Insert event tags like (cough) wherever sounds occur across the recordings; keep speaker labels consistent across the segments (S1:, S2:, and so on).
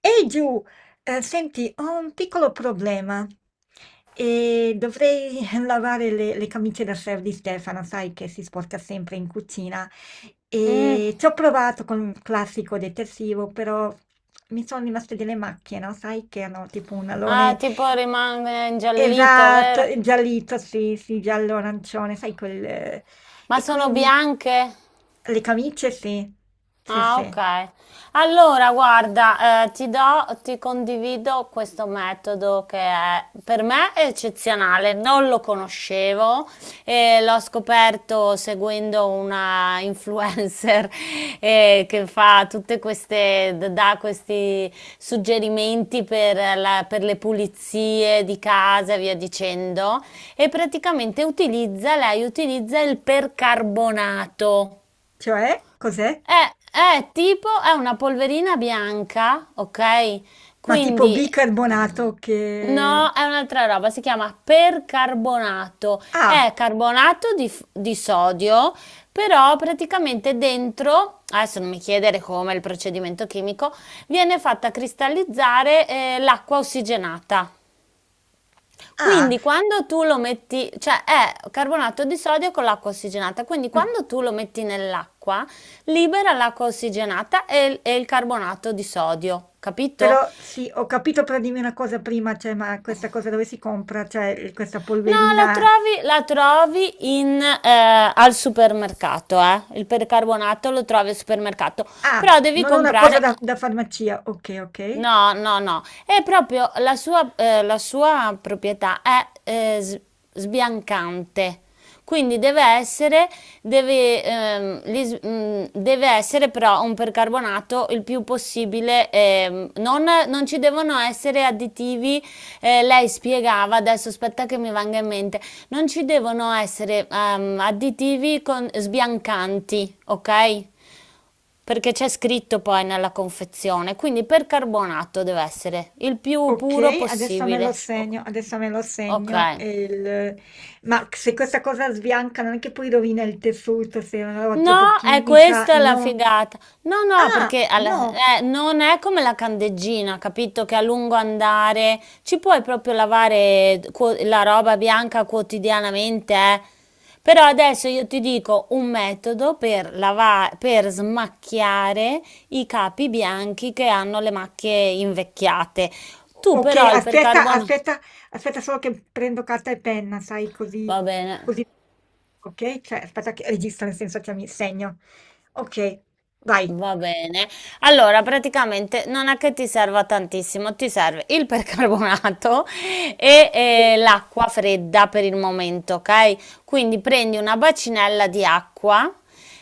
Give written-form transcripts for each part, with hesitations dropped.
S1: Ehi Giù, senti, ho un piccolo problema e dovrei (laughs) lavare le camicie da chef di Stefano, sai che si sporca sempre in cucina
S2: Mm,
S1: e ci ho provato con un classico detersivo, però mi sono rimaste delle macchie, no? Sai che hanno tipo un
S2: ah,
S1: alone
S2: tipo rimane ingiallito,
S1: esatto,
S2: vero?
S1: giallito, sì, sì, giallo arancione, sai quel.
S2: Ma
S1: E
S2: sono
S1: quindi
S2: bianche?
S1: le camicie sì, sì,
S2: Ah,
S1: sì,
S2: ok. Allora, guarda, ti do, ti condivido questo metodo che è, per me è eccezionale, non lo conoscevo e l'ho scoperto seguendo una influencer. (laughs) Che fa tutte queste, dà questi suggerimenti per, per le pulizie di casa e via dicendo. E praticamente utilizza, lei utilizza il percarbonato.
S1: cioè cos'è?
S2: È tipo, è una polverina bianca, ok?
S1: Ma tipo
S2: Quindi,
S1: bicarbonato che...
S2: no, è un'altra roba, si chiama percarbonato.
S1: Ah,
S2: È carbonato di, di sodio, però praticamente dentro, adesso non mi chiedere come è il procedimento chimico, viene fatta cristallizzare, l'acqua ossigenata.
S1: ah,
S2: Quindi quando tu lo metti, cioè è carbonato di sodio con l'acqua ossigenata, quindi
S1: mm,
S2: quando tu lo metti nell'acqua, libera l'acqua ossigenata e, il carbonato di sodio, capito?
S1: però sì, ho capito, però dimmi una cosa prima, cioè, ma questa cosa dove si compra? Cioè, questa
S2: No,
S1: polverina...
S2: la trovi in, al supermercato, eh. Il percarbonato lo trovi al supermercato,
S1: Ah,
S2: però devi
S1: non è una cosa
S2: comprare.
S1: da, da farmacia. Ok, ok.
S2: No, no, no, è proprio la sua proprietà è sbiancante, quindi deve essere, deve, deve essere però un percarbonato il più possibile, non, non ci devono essere additivi, lei spiegava, adesso aspetta che mi venga in mente, non ci devono essere additivi con, sbiancanti, ok? Perché c'è scritto poi nella confezione, quindi percarbonato deve essere il più
S1: Ok,
S2: puro
S1: adesso me lo
S2: possibile.
S1: segno, adesso me lo segno.
S2: Ok.
S1: Ma se questa cosa sbianca non è che poi rovina il tessuto se è una roba troppo
S2: No, è
S1: chimica?
S2: questa la
S1: No.
S2: figata. No, no,
S1: Ah,
S2: perché
S1: no.
S2: non è come la candeggina, capito? Che a lungo andare ci puoi proprio lavare la roba bianca quotidianamente, eh. Però adesso io ti dico un metodo per per smacchiare i capi bianchi che hanno le macchie invecchiate. Tu
S1: Ok,
S2: però il percarbonato...
S1: aspetta solo che prendo carta e penna, sai, così,
S2: Va bene.
S1: così. Ok, cioè, aspetta che registro, nel senso che mi segno. Ok, vai.
S2: Va bene. Allora, praticamente non è che ti serva tantissimo, ti serve il percarbonato e l'acqua fredda per il momento, ok? Quindi prendi una bacinella di acqua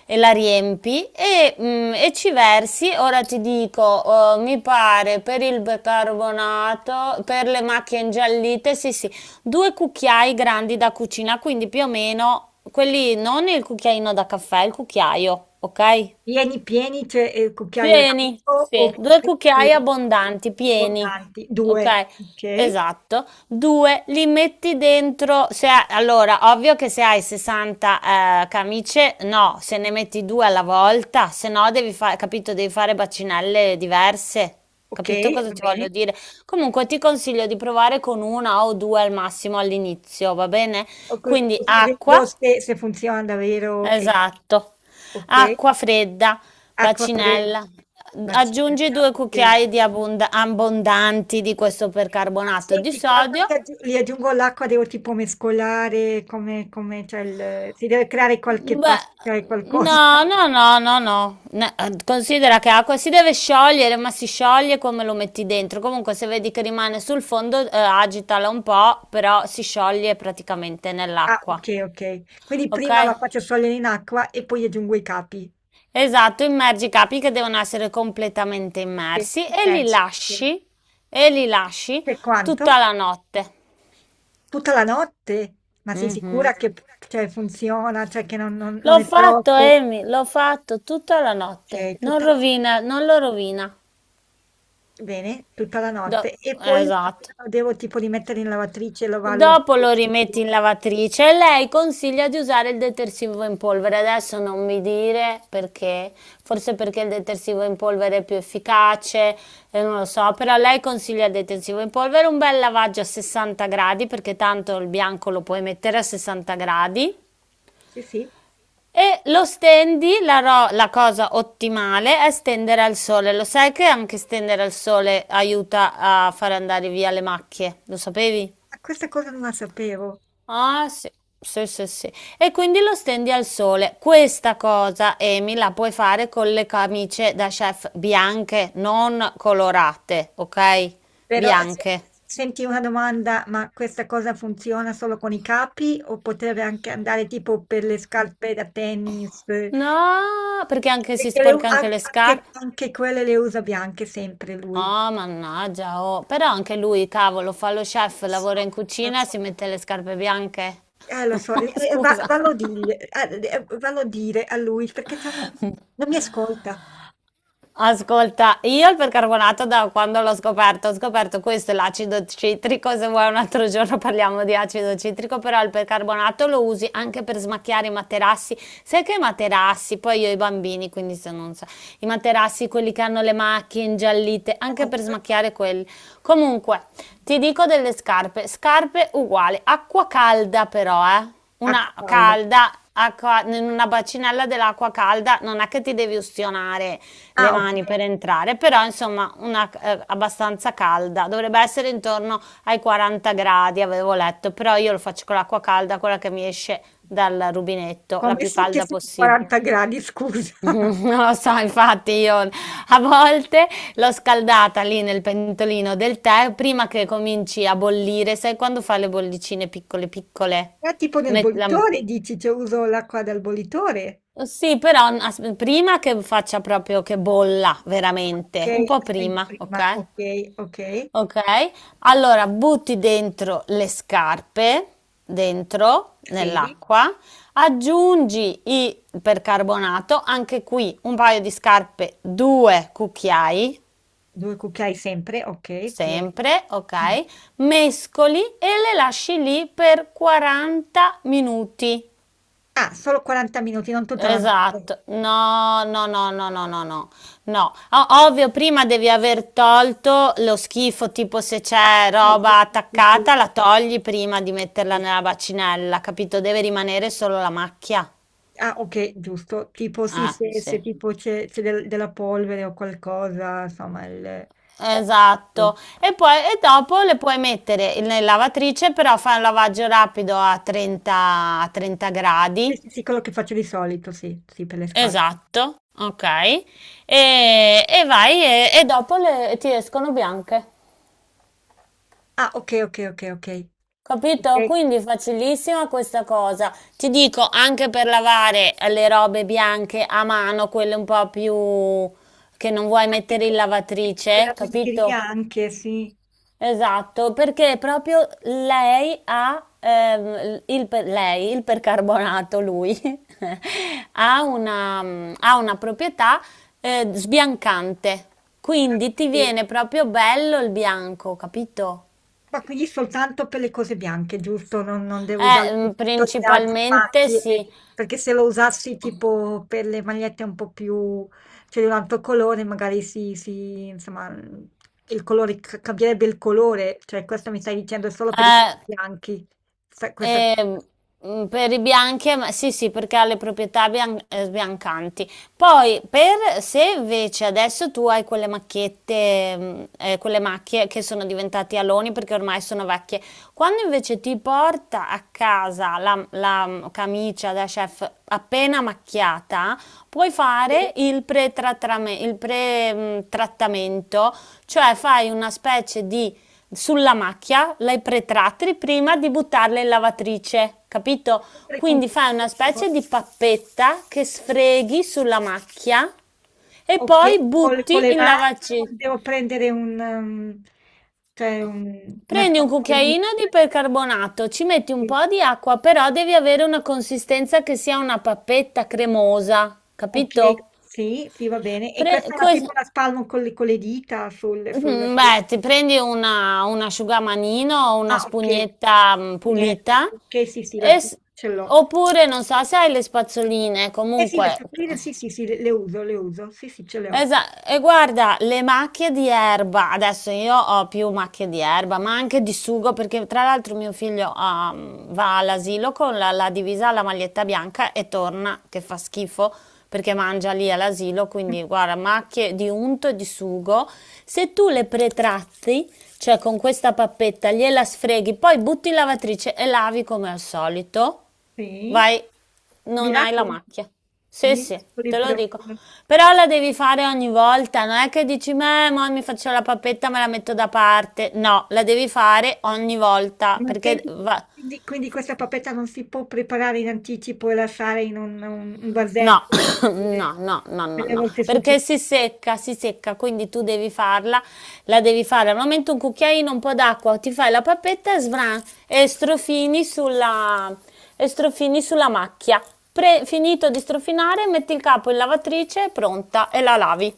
S2: e la riempi e, e ci versi. Ora ti dico, mi pare per il percarbonato, per le macchie ingiallite, sì, sì, due cucchiai grandi da cucina, quindi più o meno quelli, non il cucchiaino da caffè, il cucchiaio, ok?
S1: Pieni, pieni, c'è il cucchiaio
S2: Pieni,
S1: d'alto o
S2: sì, due
S1: copriti
S2: cucchiai abbondanti,
S1: con
S2: pieni,
S1: tanti? Due.
S2: ok?
S1: Ok,
S2: Esatto. Due, li metti dentro, se ha- allora, ovvio che se hai 60 camicie, no, se ne metti due alla volta, se no devi fare, capito, devi fare bacinelle diverse,
S1: ok,
S2: capito cosa
S1: va
S2: ti voglio
S1: bene.
S2: dire? Comunque ti consiglio di provare con una o due al massimo all'inizio, va bene? Quindi
S1: Così vedo
S2: acqua.
S1: se, se funziona davvero.
S2: Esatto.
S1: Ok,
S2: Acqua fredda,
S1: acqua
S2: bacinella.
S1: fredda,
S2: Aggiungi
S1: bacinella,
S2: due
S1: ok.
S2: cucchiai di abbondanti di questo
S1: Ah,
S2: percarbonato di
S1: senti, quando
S2: sodio.
S1: li aggiungo l'acqua devo tipo mescolare, come, come c'è si deve creare qualche pasta e
S2: Beh,
S1: qualcosa.
S2: no, no,
S1: (laughs)
S2: no, no, no. Considera che acqua si deve sciogliere, ma si scioglie come lo metti dentro. Comunque, se vedi che rimane sul fondo, agitala un po', però si scioglie praticamente
S1: Ah,
S2: nell'acqua.
S1: ok, ok. Quindi
S2: Ok?
S1: prima la faccio sciogliere in acqua e poi aggiungo i capi.
S2: Esatto, immergi i capi che devono essere completamente
S1: Ok,
S2: immersi
S1: penso.
S2: e li lasci
S1: Per quanto?
S2: tutta la notte.
S1: Tutta la notte? Ma sei
S2: Mhm.
S1: sicura che p cioè funziona, cioè che non
S2: L'ho
S1: è
S2: fatto,
S1: troppo?
S2: Amy, l'ho fatto tutta la notte.
S1: Okay,
S2: Non
S1: tutta la
S2: rovina, non lo rovina.
S1: bene, tutta la
S2: Do-
S1: notte e poi la
S2: esatto.
S1: mattina lo devo tipo rimettere in lavatrice e lavarlo?
S2: Dopo lo rimetti in lavatrice e lei consiglia di usare il detersivo in polvere. Adesso non mi dire perché, forse perché il detersivo in polvere è più efficace, non lo so, però lei consiglia il detersivo in polvere, un bel lavaggio a 60 gradi perché tanto il bianco lo puoi mettere a 60 gradi.
S1: Sì, sì.
S2: E lo stendi, la cosa ottimale è stendere al sole. Lo sai che anche stendere al sole aiuta a far andare via le macchie? Lo sapevi?
S1: Ah, questa cosa non la sapevo.
S2: Ah, sì, sì, sì, sì. E quindi lo stendi al sole. Questa cosa, Amy, la puoi fare con le camicie da chef bianche, non colorate, ok?
S1: Però, se
S2: Bianche.
S1: senti una domanda, ma questa cosa funziona solo con i capi o potrebbe anche andare tipo per le scarpe da tennis? Perché
S2: No, perché anche si
S1: le u
S2: sporca anche le
S1: anche anche
S2: scarpe.
S1: anche quelle le usa bianche sempre lui.
S2: Oh, mannaggia, oh. Però anche lui, cavolo, fa lo
S1: Lo
S2: chef, lavora
S1: so,
S2: in
S1: lo
S2: cucina e
S1: so.
S2: si mette le scarpe bianche.
S1: Lo
S2: (laughs)
S1: so,
S2: Ma scusa.
S1: vallo a dire a lui perché non
S2: (laughs)
S1: mi ascolta.
S2: Ascolta, io il percarbonato da quando l'ho scoperto, ho scoperto questo e l'acido citrico, se vuoi un altro giorno parliamo di acido citrico, però il percarbonato lo usi anche per smacchiare i materassi. Sai che i materassi, poi io ho i bambini, quindi se non so, i materassi, quelli che hanno le macchie ingiallite, anche per
S1: Lo so,
S2: smacchiare quelli. Comunque, ti dico delle scarpe, scarpe uguali, acqua calda però, eh?
S1: a
S2: Una
S1: cavallo.
S2: calda, acqua, in una bacinella dell'acqua calda, non è che ti devi ustionare, le
S1: Ah, ok.
S2: mani per entrare, però insomma una abbastanza calda, dovrebbe essere intorno ai 40 gradi, avevo letto, però io lo faccio con l'acqua calda, quella che mi esce dal rubinetto, la
S1: Come
S2: più
S1: so che
S2: calda
S1: sono
S2: possibile.
S1: 40 gradi, scusa?
S2: (laughs) Non
S1: (laughs)
S2: lo so, infatti io a volte l'ho scaldata lì nel pentolino del tè prima che cominci a bollire, sai quando fa le bollicine piccole piccole?
S1: Ma tipo nel
S2: Met- la-
S1: bollitore dici, cioè uso l'acqua dal bollitore?
S2: Sì, però prima che faccia proprio che bolla
S1: Ah, ok,
S2: veramente, un po'
S1: spengo
S2: prima, ok?
S1: prima, ok, ok.
S2: Okay, allora butti dentro le scarpe, dentro
S1: Sì,
S2: nell'acqua, aggiungi il percarbonato, anche qui un paio di scarpe, 2 cucchiai,
S1: due cucchiai sempre, ok, pieno.
S2: sempre,
S1: Mm.
S2: okay, mescoli e le lasci lì per 40 minuti.
S1: Ah, solo 40 minuti, non tutta la notte.
S2: Esatto, no, no, no, no, no, no, no, no, ovvio prima devi aver tolto lo schifo, tipo se
S1: Ah,
S2: c'è
S1: sì,
S2: roba
S1: sì, sì, sì,
S2: attaccata la togli prima di metterla
S1: sì.
S2: nella bacinella, capito? Deve rimanere solo la macchia.
S1: Ah, okay, giusto. Tipo sì, se
S2: Sì.
S1: se tipo c'è della polvere o qualcosa, insomma il sì.
S2: Esatto, e poi e dopo le puoi mettere nella lavatrice, però fai un lavaggio rapido a 30, a 30
S1: Sì,
S2: gradi.
S1: sì, sì, quello che faccio di solito, sì, sì, per le scarpe.
S2: Esatto, ok. E vai e, ti escono bianche.
S1: Ah, okay, okay, okay, okay.
S2: Capito?
S1: Okay.
S2: Quindi è facilissima questa cosa. Ti dico, anche per lavare le robe bianche a mano, quelle un po' più che non vuoi
S1: Ah,
S2: mettere in
S1: tipo la
S2: lavatrice,
S1: biancheria
S2: capito?
S1: anche, sì.
S2: Esatto, perché proprio lei ha lei, il percarbonato, lui (laughs) ha una, ha una proprietà sbiancante.
S1: Ah,
S2: Quindi ti
S1: sì.
S2: viene proprio bello il bianco, capito?
S1: Ma quindi soltanto per le cose bianche, giusto? Non, non devo usare
S2: Mm,
S1: per tutte le altre
S2: principalmente
S1: macchie,
S2: sì.
S1: perché se lo usassi tipo per le magliette un po' più, cioè di un altro colore, magari insomma, il colore, cambierebbe il colore, cioè questo mi stai dicendo è solo per i colori
S2: Eh,
S1: bianchi, Sa- questa
S2: ehm, per i bianchi, sì, sì, perché ha le proprietà sbiancanti. Poi, per se invece adesso tu hai quelle macchiette, quelle macchie che sono diventate aloni perché ormai sono vecchie, quando invece ti porta a casa camicia da chef appena macchiata, puoi fare il pre-trattamento, cioè fai una specie di sulla macchia, le pretrattili prima di buttarle in lavatrice, capito?
S1: sempre con-
S2: Quindi fai una specie di pappetta che sfreghi sulla macchia e
S1: Ok,
S2: poi
S1: con,
S2: butti
S1: le
S2: in
S1: mani o
S2: lavatrice.
S1: devo prendere cioè una
S2: Prendi un
S1: spazolina.
S2: cucchiaino di percarbonato, ci metti un po' di acqua, però devi avere una consistenza che sia una pappetta cremosa,
S1: Ok,
S2: capito?
S1: sì, sì, va bene. E questa
S2: Pre-
S1: è tipo
S2: que-
S1: la spalmo con con le dita
S2: Mhm,
S1: sulla.
S2: beh, ti prendi una, un asciugamanino o una
S1: Ah, ok.
S2: spugnetta
S1: Pugnetta,
S2: pulita,
S1: ok, sì, sì, la
S2: e s-
S1: spugna ce l'ho.
S2: oppure non so se hai le spazzoline,
S1: Eh sì, le
S2: comunque
S1: spugine, sì, sì, sì, le uso, le uso. Sì, sì, ce le ho.
S2: esa, e guarda, le macchie di erba, adesso io ho più macchie di erba, ma anche di sugo, perché tra l'altro mio figlio ha, va all'asilo con la divisa, la maglietta bianca e torna che fa schifo perché mangia lì all'asilo,
S1: Mm.
S2: quindi guarda, macchie di unto e di sugo. Se tu le pretratti, cioè con questa pappetta, gliela sfreghi, poi butti in lavatrice e lavi come al solito.
S1: Sì.
S2: Vai, non hai la
S1: Miracoli,
S2: macchia. Sì, sì,
S1: miracoli
S2: te lo dico.
S1: proprio.
S2: Però la devi fare ogni volta, non è che dici, "Meh, mo mi faccio la pappetta, me la metto da parte". No, la devi fare ogni volta,
S1: Ma
S2: perché
S1: senti, quindi questa papetta non si può preparare in anticipo e lasciare in un
S2: no,
S1: vasetto
S2: (coughs)
S1: per
S2: no,
S1: le
S2: no, no, no,
S1: per le
S2: no,
S1: volte
S2: perché
S1: successive.
S2: si secca, quindi tu devi farla, la devi fare al momento un cucchiaino, un po' d'acqua, ti fai la pappetta e svran, e strofini sulla, e strofini sulla macchia. Finito di strofinare, metti il capo in lavatrice, è pronta, e la lavi.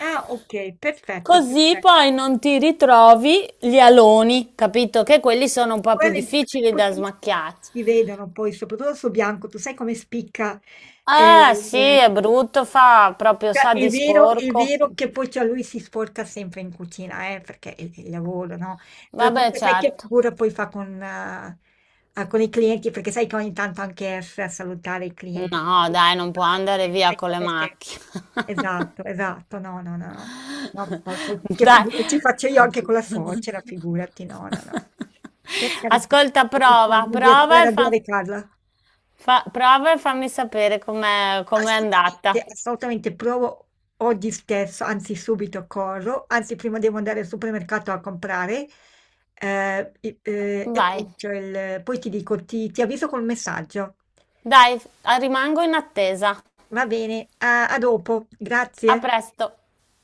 S1: Ah, okay, perfetto,
S2: Così poi
S1: perfetto.
S2: non ti ritrovi gli aloni, capito? Che quelli sono un po' più
S1: Quello è imp perché
S2: difficili
S1: poi
S2: da
S1: quelli
S2: smacchiare.
S1: si vedono poi, soprattutto su bianco, tu sai come spicca,
S2: Eh sì,
S1: ehm,
S2: è brutto, fa proprio
S1: cioè
S2: sa di
S1: è
S2: sporco.
S1: vero che poi cioè lui si sporca sempre in cucina, perché è il lavoro, no, però
S2: Vabbè,
S1: comunque sai che
S2: certo.
S1: figura poi fa con i clienti, perché sai che ogni tanto anche esce a salutare i clienti. Perché
S2: No, dai, non può andare via
S1: sai
S2: con le
S1: come se
S2: macchine.
S1: esatto, esatto, no, no, no, no. No, poi che
S2: (laughs)
S1: figure ci
S2: Dai.
S1: faccio io anche con la suocera, figurati, no, no, no. Per carità,
S2: Ascolta, prova,
S1: evitiamo di essere
S2: prova e fa,
S1: arrabbiare Carla.
S2: prova e fammi sapere com'è com'è andata.
S1: Assolutamente, assolutamente, provo oggi stesso, anzi subito corro, anzi prima devo andare al supermercato a comprare e
S2: Vai.
S1: poi, poi ti dico, ti avviso col messaggio.
S2: Dai, rimango in attesa.
S1: Va bene, a dopo,
S2: A
S1: grazie.
S2: presto.